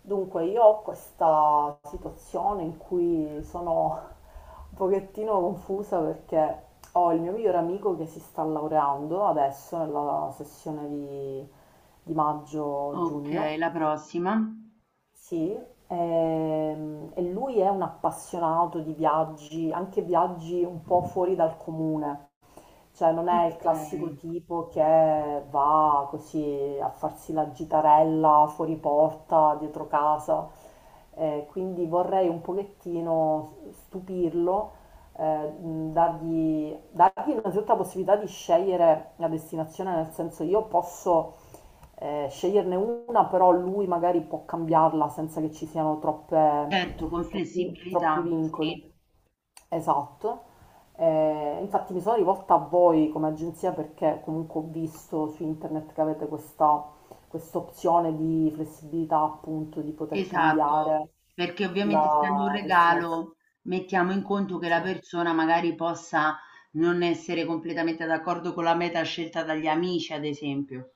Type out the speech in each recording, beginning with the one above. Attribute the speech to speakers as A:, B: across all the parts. A: Dunque, io ho questa situazione in cui sono un pochettino confusa perché ho il mio migliore amico che si sta laureando adesso nella sessione di
B: Okay,
A: maggio-giugno.
B: la prossima.
A: Sì, e lui è un appassionato di viaggi, anche viaggi un po' fuori dal comune, cioè non è il classico
B: Okay.
A: tipo che va così a farsi la gitarella fuori porta, dietro casa. Quindi vorrei un pochettino stupirlo, dargli innanzitutto la possibilità di scegliere la destinazione, nel senso io posso, sceglierne una, però lui magari può cambiarla senza che ci siano troppe-
B: Certo, con
A: troppi troppi
B: flessibilità,
A: vincoli.
B: sì,
A: Esatto. Infatti mi sono rivolta a voi come agenzia perché comunque ho visto su internet che avete questa opzione di flessibilità, appunto, di poter
B: esatto.
A: cambiare
B: Perché ovviamente essendo un
A: la destinazione.
B: regalo, mettiamo in conto che la persona magari possa non essere completamente d'accordo con la meta scelta dagli amici, ad esempio.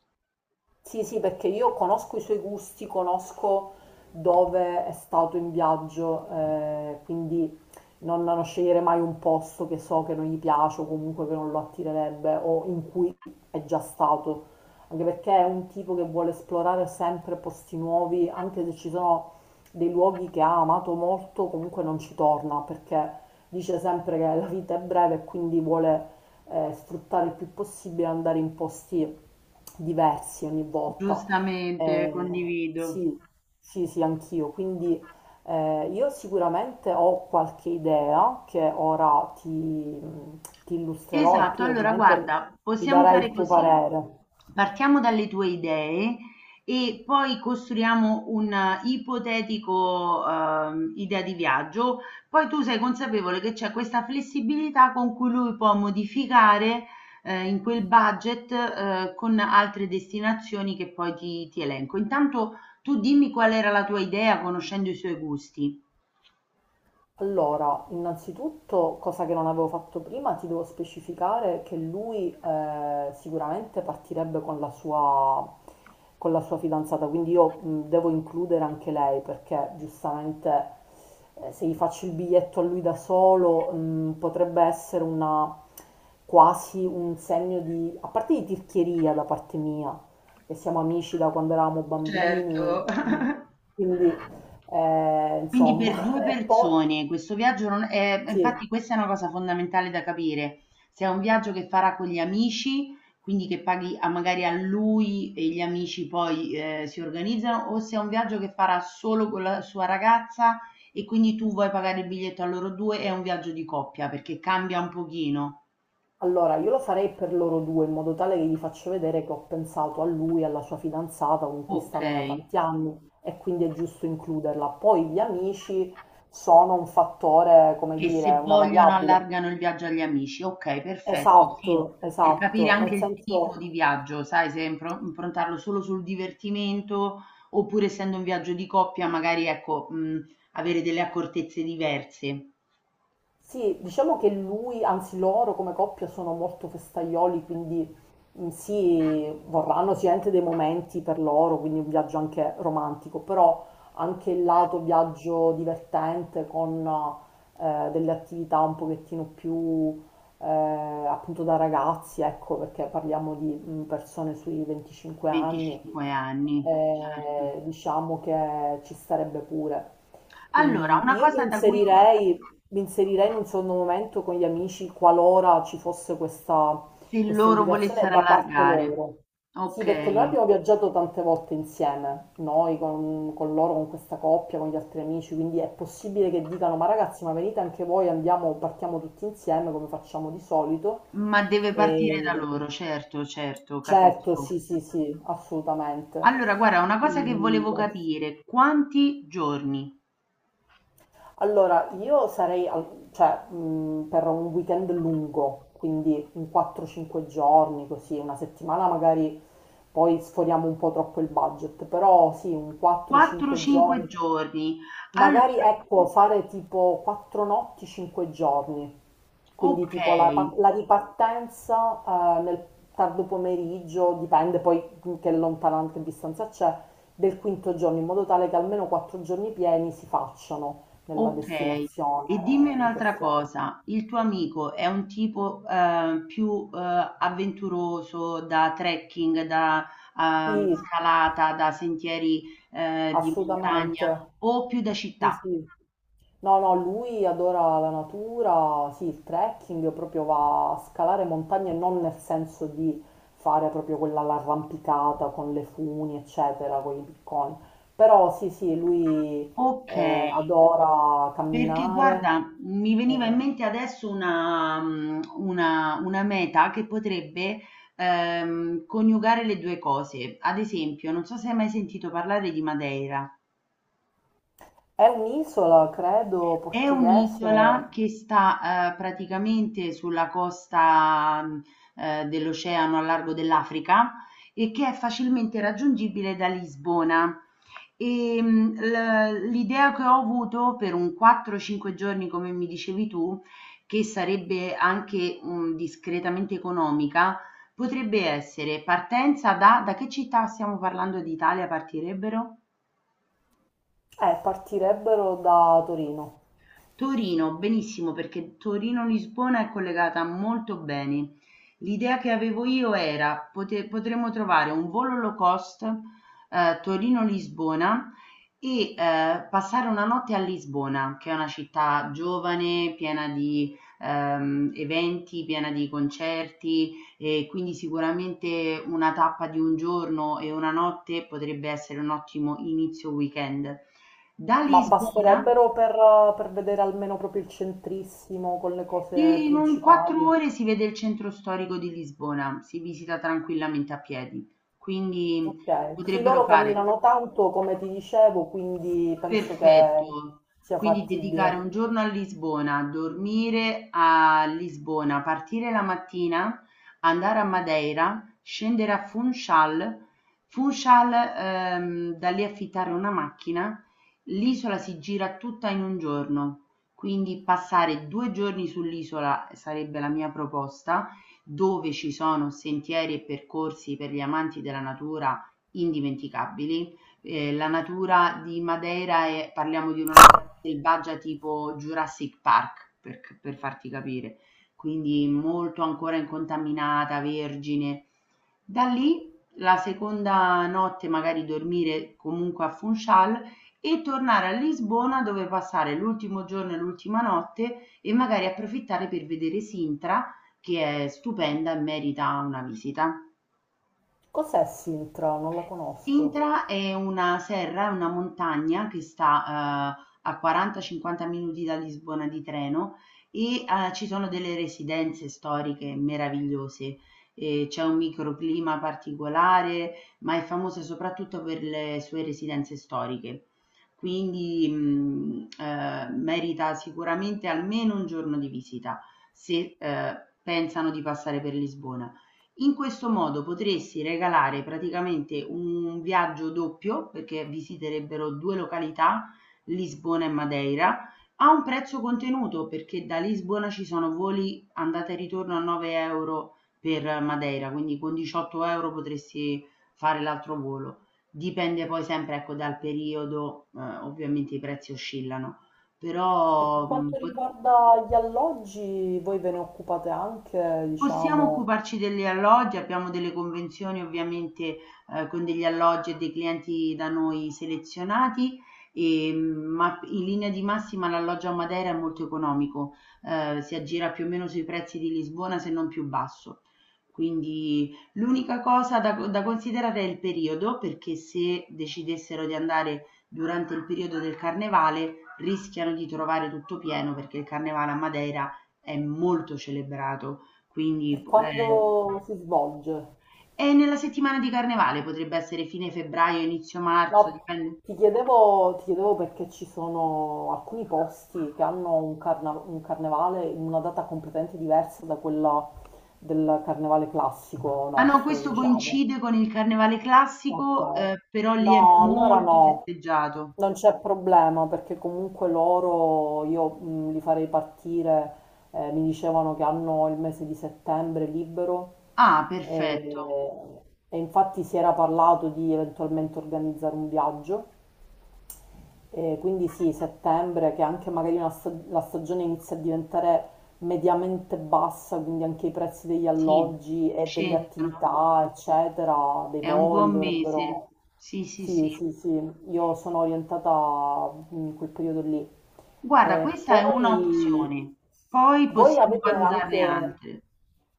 A: Sì, sì, perché io conosco i suoi gusti, conosco dove è stato in viaggio. Eh, quindi non scegliere mai un posto che so che non gli piace o comunque che non lo attirerebbe o in cui è già stato, anche perché è un tipo che vuole esplorare sempre posti nuovi. Anche se ci sono dei luoghi che ha amato molto, comunque non ci torna perché dice sempre che la vita è breve e quindi vuole, sfruttare il più possibile, andare in posti diversi ogni volta.
B: Giustamente, condivido.
A: Sì, sì, sì, anch'io. Quindi, io sicuramente ho qualche idea che ora ti illustrerò e
B: Esatto,
A: tu
B: allora
A: ovviamente
B: guarda,
A: mi
B: possiamo
A: darai il
B: fare
A: tuo
B: così.
A: parere.
B: Partiamo dalle tue idee e poi costruiamo un ipotetico idea di viaggio. Poi tu sei consapevole che c'è questa flessibilità con cui lui può modificare in quel budget con altre destinazioni che poi ti elenco. Intanto tu dimmi qual era la tua idea conoscendo i suoi gusti.
A: Allora, innanzitutto, cosa che non avevo fatto prima, ti devo specificare che lui, sicuramente partirebbe con con la sua fidanzata, quindi io, devo includere anche lei, perché giustamente, se gli faccio il biglietto a lui da solo, potrebbe essere una, quasi un segno di, a parte, di tirchieria da parte mia, che siamo amici da quando eravamo bambini.
B: Certo,
A: mh, quindi,
B: Quindi per
A: insomma,
B: 2
A: e poi...
B: persone questo viaggio non è infatti
A: Sì,
B: questa è una cosa fondamentale da capire. Se è un viaggio che farà con gli amici, quindi che paghi a magari a lui e gli amici poi, si organizzano, o se è un viaggio che farà solo con la sua ragazza e quindi tu vuoi pagare il biglietto a loro 2, è un viaggio di coppia perché cambia un pochino.
A: allora io lo farei per loro due, in modo tale che gli faccio vedere che ho pensato a lui, alla sua fidanzata con cui stanno da
B: Okay.
A: tanti anni, e quindi è giusto includerla. Poi gli amici sono un fattore, come
B: Che se
A: dire, una
B: vogliono
A: variabile.
B: allargano il viaggio agli amici. Okay, perfetto, sì,
A: Esatto,
B: per capire
A: esatto,
B: anche
A: nel
B: il tipo
A: senso.
B: di viaggio, sai, se impro improntarlo solo sul divertimento, oppure essendo un viaggio di coppia magari, ecco, mhmm, avere delle accortezze diverse.
A: Sì, diciamo che lui, anzi loro come coppia sono molto festaioli, quindi, sì, vorranno sicuramente dei momenti per loro, quindi un viaggio anche romantico, però anche il lato viaggio divertente, con, delle attività un pochettino più, eh, appunto, da ragazzi, ecco, perché parliamo di, persone sui 25 anni.
B: 25 anni, certo.
A: Diciamo che ci starebbe pure.
B: Allora,
A: Quindi
B: una
A: io mi
B: cosa da cui
A: inserirei, mi inserirei in un secondo momento con gli amici, qualora ci fosse
B: se
A: questa
B: loro
A: indicazione
B: volessero
A: da parte
B: allargare.
A: loro. Sì, perché noi
B: Okay,
A: abbiamo viaggiato tante volte insieme, noi con loro, con questa coppia, con gli altri amici, quindi è possibile che dicano: ma ragazzi, ma venite anche voi, andiamo, partiamo tutti insieme come facciamo di solito.
B: ma deve partire da
A: E...
B: loro, certo, certo,
A: Certo,
B: capisco.
A: sì, sì, sì, assolutamente.
B: Allora, guarda, una cosa che
A: Quindi,
B: volevo
A: questo.
B: capire, quanti giorni?
A: Allora, io sarei, cioè, per un weekend lungo, quindi un 4-5 giorni, così, una settimana magari poi sforiamo un po' troppo il budget, però sì, un 4-5
B: 4-5
A: giorni,
B: giorni. Allora,
A: magari, ecco, fare tipo 4 notti, 5 giorni, quindi tipo
B: ok,
A: la ripartenza, nel tardo pomeriggio, dipende poi che lontananza, che distanza c'è, del quinto giorno, in modo tale che almeno quattro giorni pieni si facciano nella
B: ok. E dimmi
A: destinazione, in
B: un'altra
A: questione.
B: cosa, il tuo amico è un tipo più avventuroso da trekking, da
A: Sì,
B: scalata, da sentieri di montagna
A: assolutamente.
B: o più da
A: Sì,
B: città?
A: sì. No, no, lui adora la natura, sì, il trekking, proprio va a scalare montagne, non nel senso di fare proprio quella l'arrampicata con le funi, eccetera, con i picconi. Però sì, sì, lui,
B: Okay.
A: adora
B: Perché
A: camminare.
B: guarda, mi veniva in
A: eh.
B: mente adesso una mhmm, una meta che potrebbe coniugare le 2 cose. Ad esempio, non so se hai mai sentito parlare di Madeira.
A: È un'isola, credo,
B: È
A: portoghese.
B: un'isola che sta praticamente sulla costa dell'oceano a largo dell'Africa e che è facilmente raggiungibile da Lisbona. E, l'idea che ho avuto per un 4-5 giorni, come mi dicevi tu, che sarebbe anche discretamente economica, potrebbe essere partenza da che città stiamo parlando d'Italia partirebbero?
A: Partirebbero da Torino.
B: Torino, benissimo perché Torino-Lisbona è collegata molto bene. L'idea che avevo io era potremmo trovare un volo low cost Torino-Lisbona e passare una notte a Lisbona, che è una città giovane, piena di eventi, piena di concerti e quindi sicuramente una tappa di un giorno e una notte potrebbe essere un ottimo inizio weekend. Da
A: Ma
B: Lisbona,
A: basterebbero per vedere almeno proprio il centrissimo con le cose
B: in un quattro
A: principali.
B: ore si vede il centro storico di Lisbona, si visita tranquillamente a piedi, quindi
A: Ok, sì,
B: potrebbero
A: loro
B: fare.
A: camminano tanto, come ti dicevo, quindi penso che
B: Perfetto.
A: sia
B: Quindi dedicare
A: fattibile.
B: un giorno a Lisbona, dormire a Lisbona, partire la mattina, andare a Madeira, scendere a Funchal, Funchal, da lì affittare una macchina. L'isola si gira tutta in un giorno, quindi passare due giorni sull'isola sarebbe la mia proposta, dove ci sono sentieri e percorsi per gli amanti della natura indimenticabili. La natura di Madeira è parliamo di una natura selvaggia tipo Jurassic Park, per farti capire, quindi molto ancora incontaminata, vergine. Da lì la seconda notte magari dormire comunque a Funchal e tornare a Lisbona dove passare l'ultimo giorno e l'ultima notte e magari approfittare per vedere Sintra che è stupenda e merita una visita.
A: Cos'è Sintra? Non la conosco.
B: Sintra è una serra, è una montagna che sta a 40, 50 minuti da Lisbona di treno e, ci sono delle residenze storiche meravigliose. E c'è un microclima particolare, ma è famosa soprattutto per le sue residenze storiche. Quindi, mhmm, merita sicuramente almeno un giorno di visita se, pensano di passare per Lisbona. In questo modo potresti regalare praticamente un viaggio doppio, perché visiterebbero due località, Lisbona e Madeira, a un prezzo contenuto, perché da Lisbona ci sono voli andata e ritorno a 9 euro per Madeira, quindi con 18 euro potresti fare l'altro volo. Dipende poi sempre, ecco, dal periodo, ovviamente i prezzi oscillano,
A: E per
B: però
A: quanto riguarda gli alloggi, voi ve ne occupate anche,
B: Possiamo
A: diciamo?
B: occuparci degli alloggi, abbiamo delle convenzioni ovviamente, con degli alloggi e dei clienti da noi selezionati, ehm, ma in linea di massima l'alloggio a Matera è molto economico, si aggira più o meno sui prezzi di Lisbona se non più basso. Quindi l'unica cosa da considerare è il periodo, perché se decidessero di andare durante il periodo del carnevale rischiano di trovare tutto pieno, perché il carnevale a Madeira è molto celebrato. Quindi
A: E
B: p
A: quando si svolge?
B: E nella settimana di carnevale potrebbe essere fine febbraio, inizio marzo,
A: No,
B: dipende.
A: ti chiedevo perché ci sono alcuni posti che hanno un, un carnevale in una data completamente diversa da quella del carnevale classico
B: Ah no,
A: nostro,
B: questo
A: diciamo.
B: coincide con il carnevale
A: Ok.
B: classico, però lì è
A: No, allora
B: molto
A: no,
B: festeggiato.
A: non c'è problema, perché comunque loro io, li farei partire. Mi dicevano che hanno il mese di settembre libero,
B: Ah, perfetto.
A: e infatti si era parlato di eventualmente organizzare un viaggio, e quindi sì, settembre, che anche magari una la stagione inizia a diventare mediamente bassa, quindi anche i prezzi degli
B: Sì,
A: alloggi e delle
B: scendono.
A: attività, eccetera, dei
B: È un
A: voli
B: buon mese.
A: dovrebbero...
B: Sì, sì, sì.
A: Sì, sì, sì, io sono orientata, in quel periodo lì.
B: Guarda,
A: E
B: questa è una
A: poi
B: opzione, poi
A: voi
B: possiamo
A: avete
B: valutarne
A: anche,
B: altre.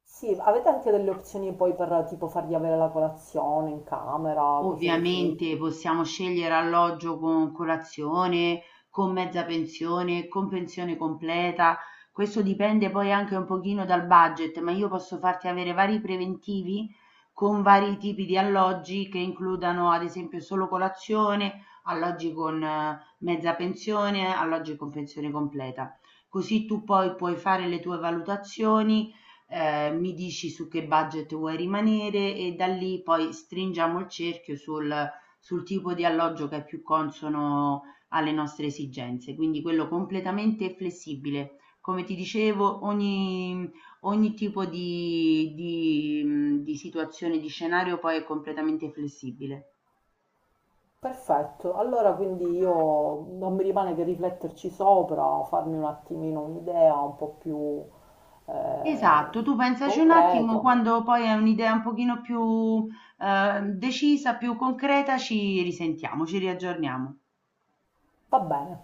A: sì, avete anche delle opzioni poi per tipo fargli avere la colazione in camera, cose così.
B: Ovviamente possiamo scegliere alloggio con colazione, con mezza pensione, con pensione completa. Questo dipende poi anche un pochino dal budget, ma io posso farti avere vari preventivi con vari tipi di alloggi che includano ad esempio solo colazione, alloggi con mezza pensione, alloggi con pensione completa. Così tu poi puoi fare le tue valutazioni mi dici su che budget vuoi rimanere e da lì poi stringiamo il cerchio sul tipo di alloggio che è più consono alle nostre esigenze. Quindi quello completamente flessibile. Come ti dicevo, ogni tipo di situazione, di scenario poi è completamente flessibile.
A: Perfetto, allora quindi io non mi rimane che rifletterci sopra, farmi un attimino un'idea un po' più,
B: Esatto,
A: eh,
B: tu pensaci un attimo,
A: concreta.
B: quando poi hai un'idea un pochino più decisa, più concreta, ci risentiamo, ci riaggiorniamo.
A: Va bene.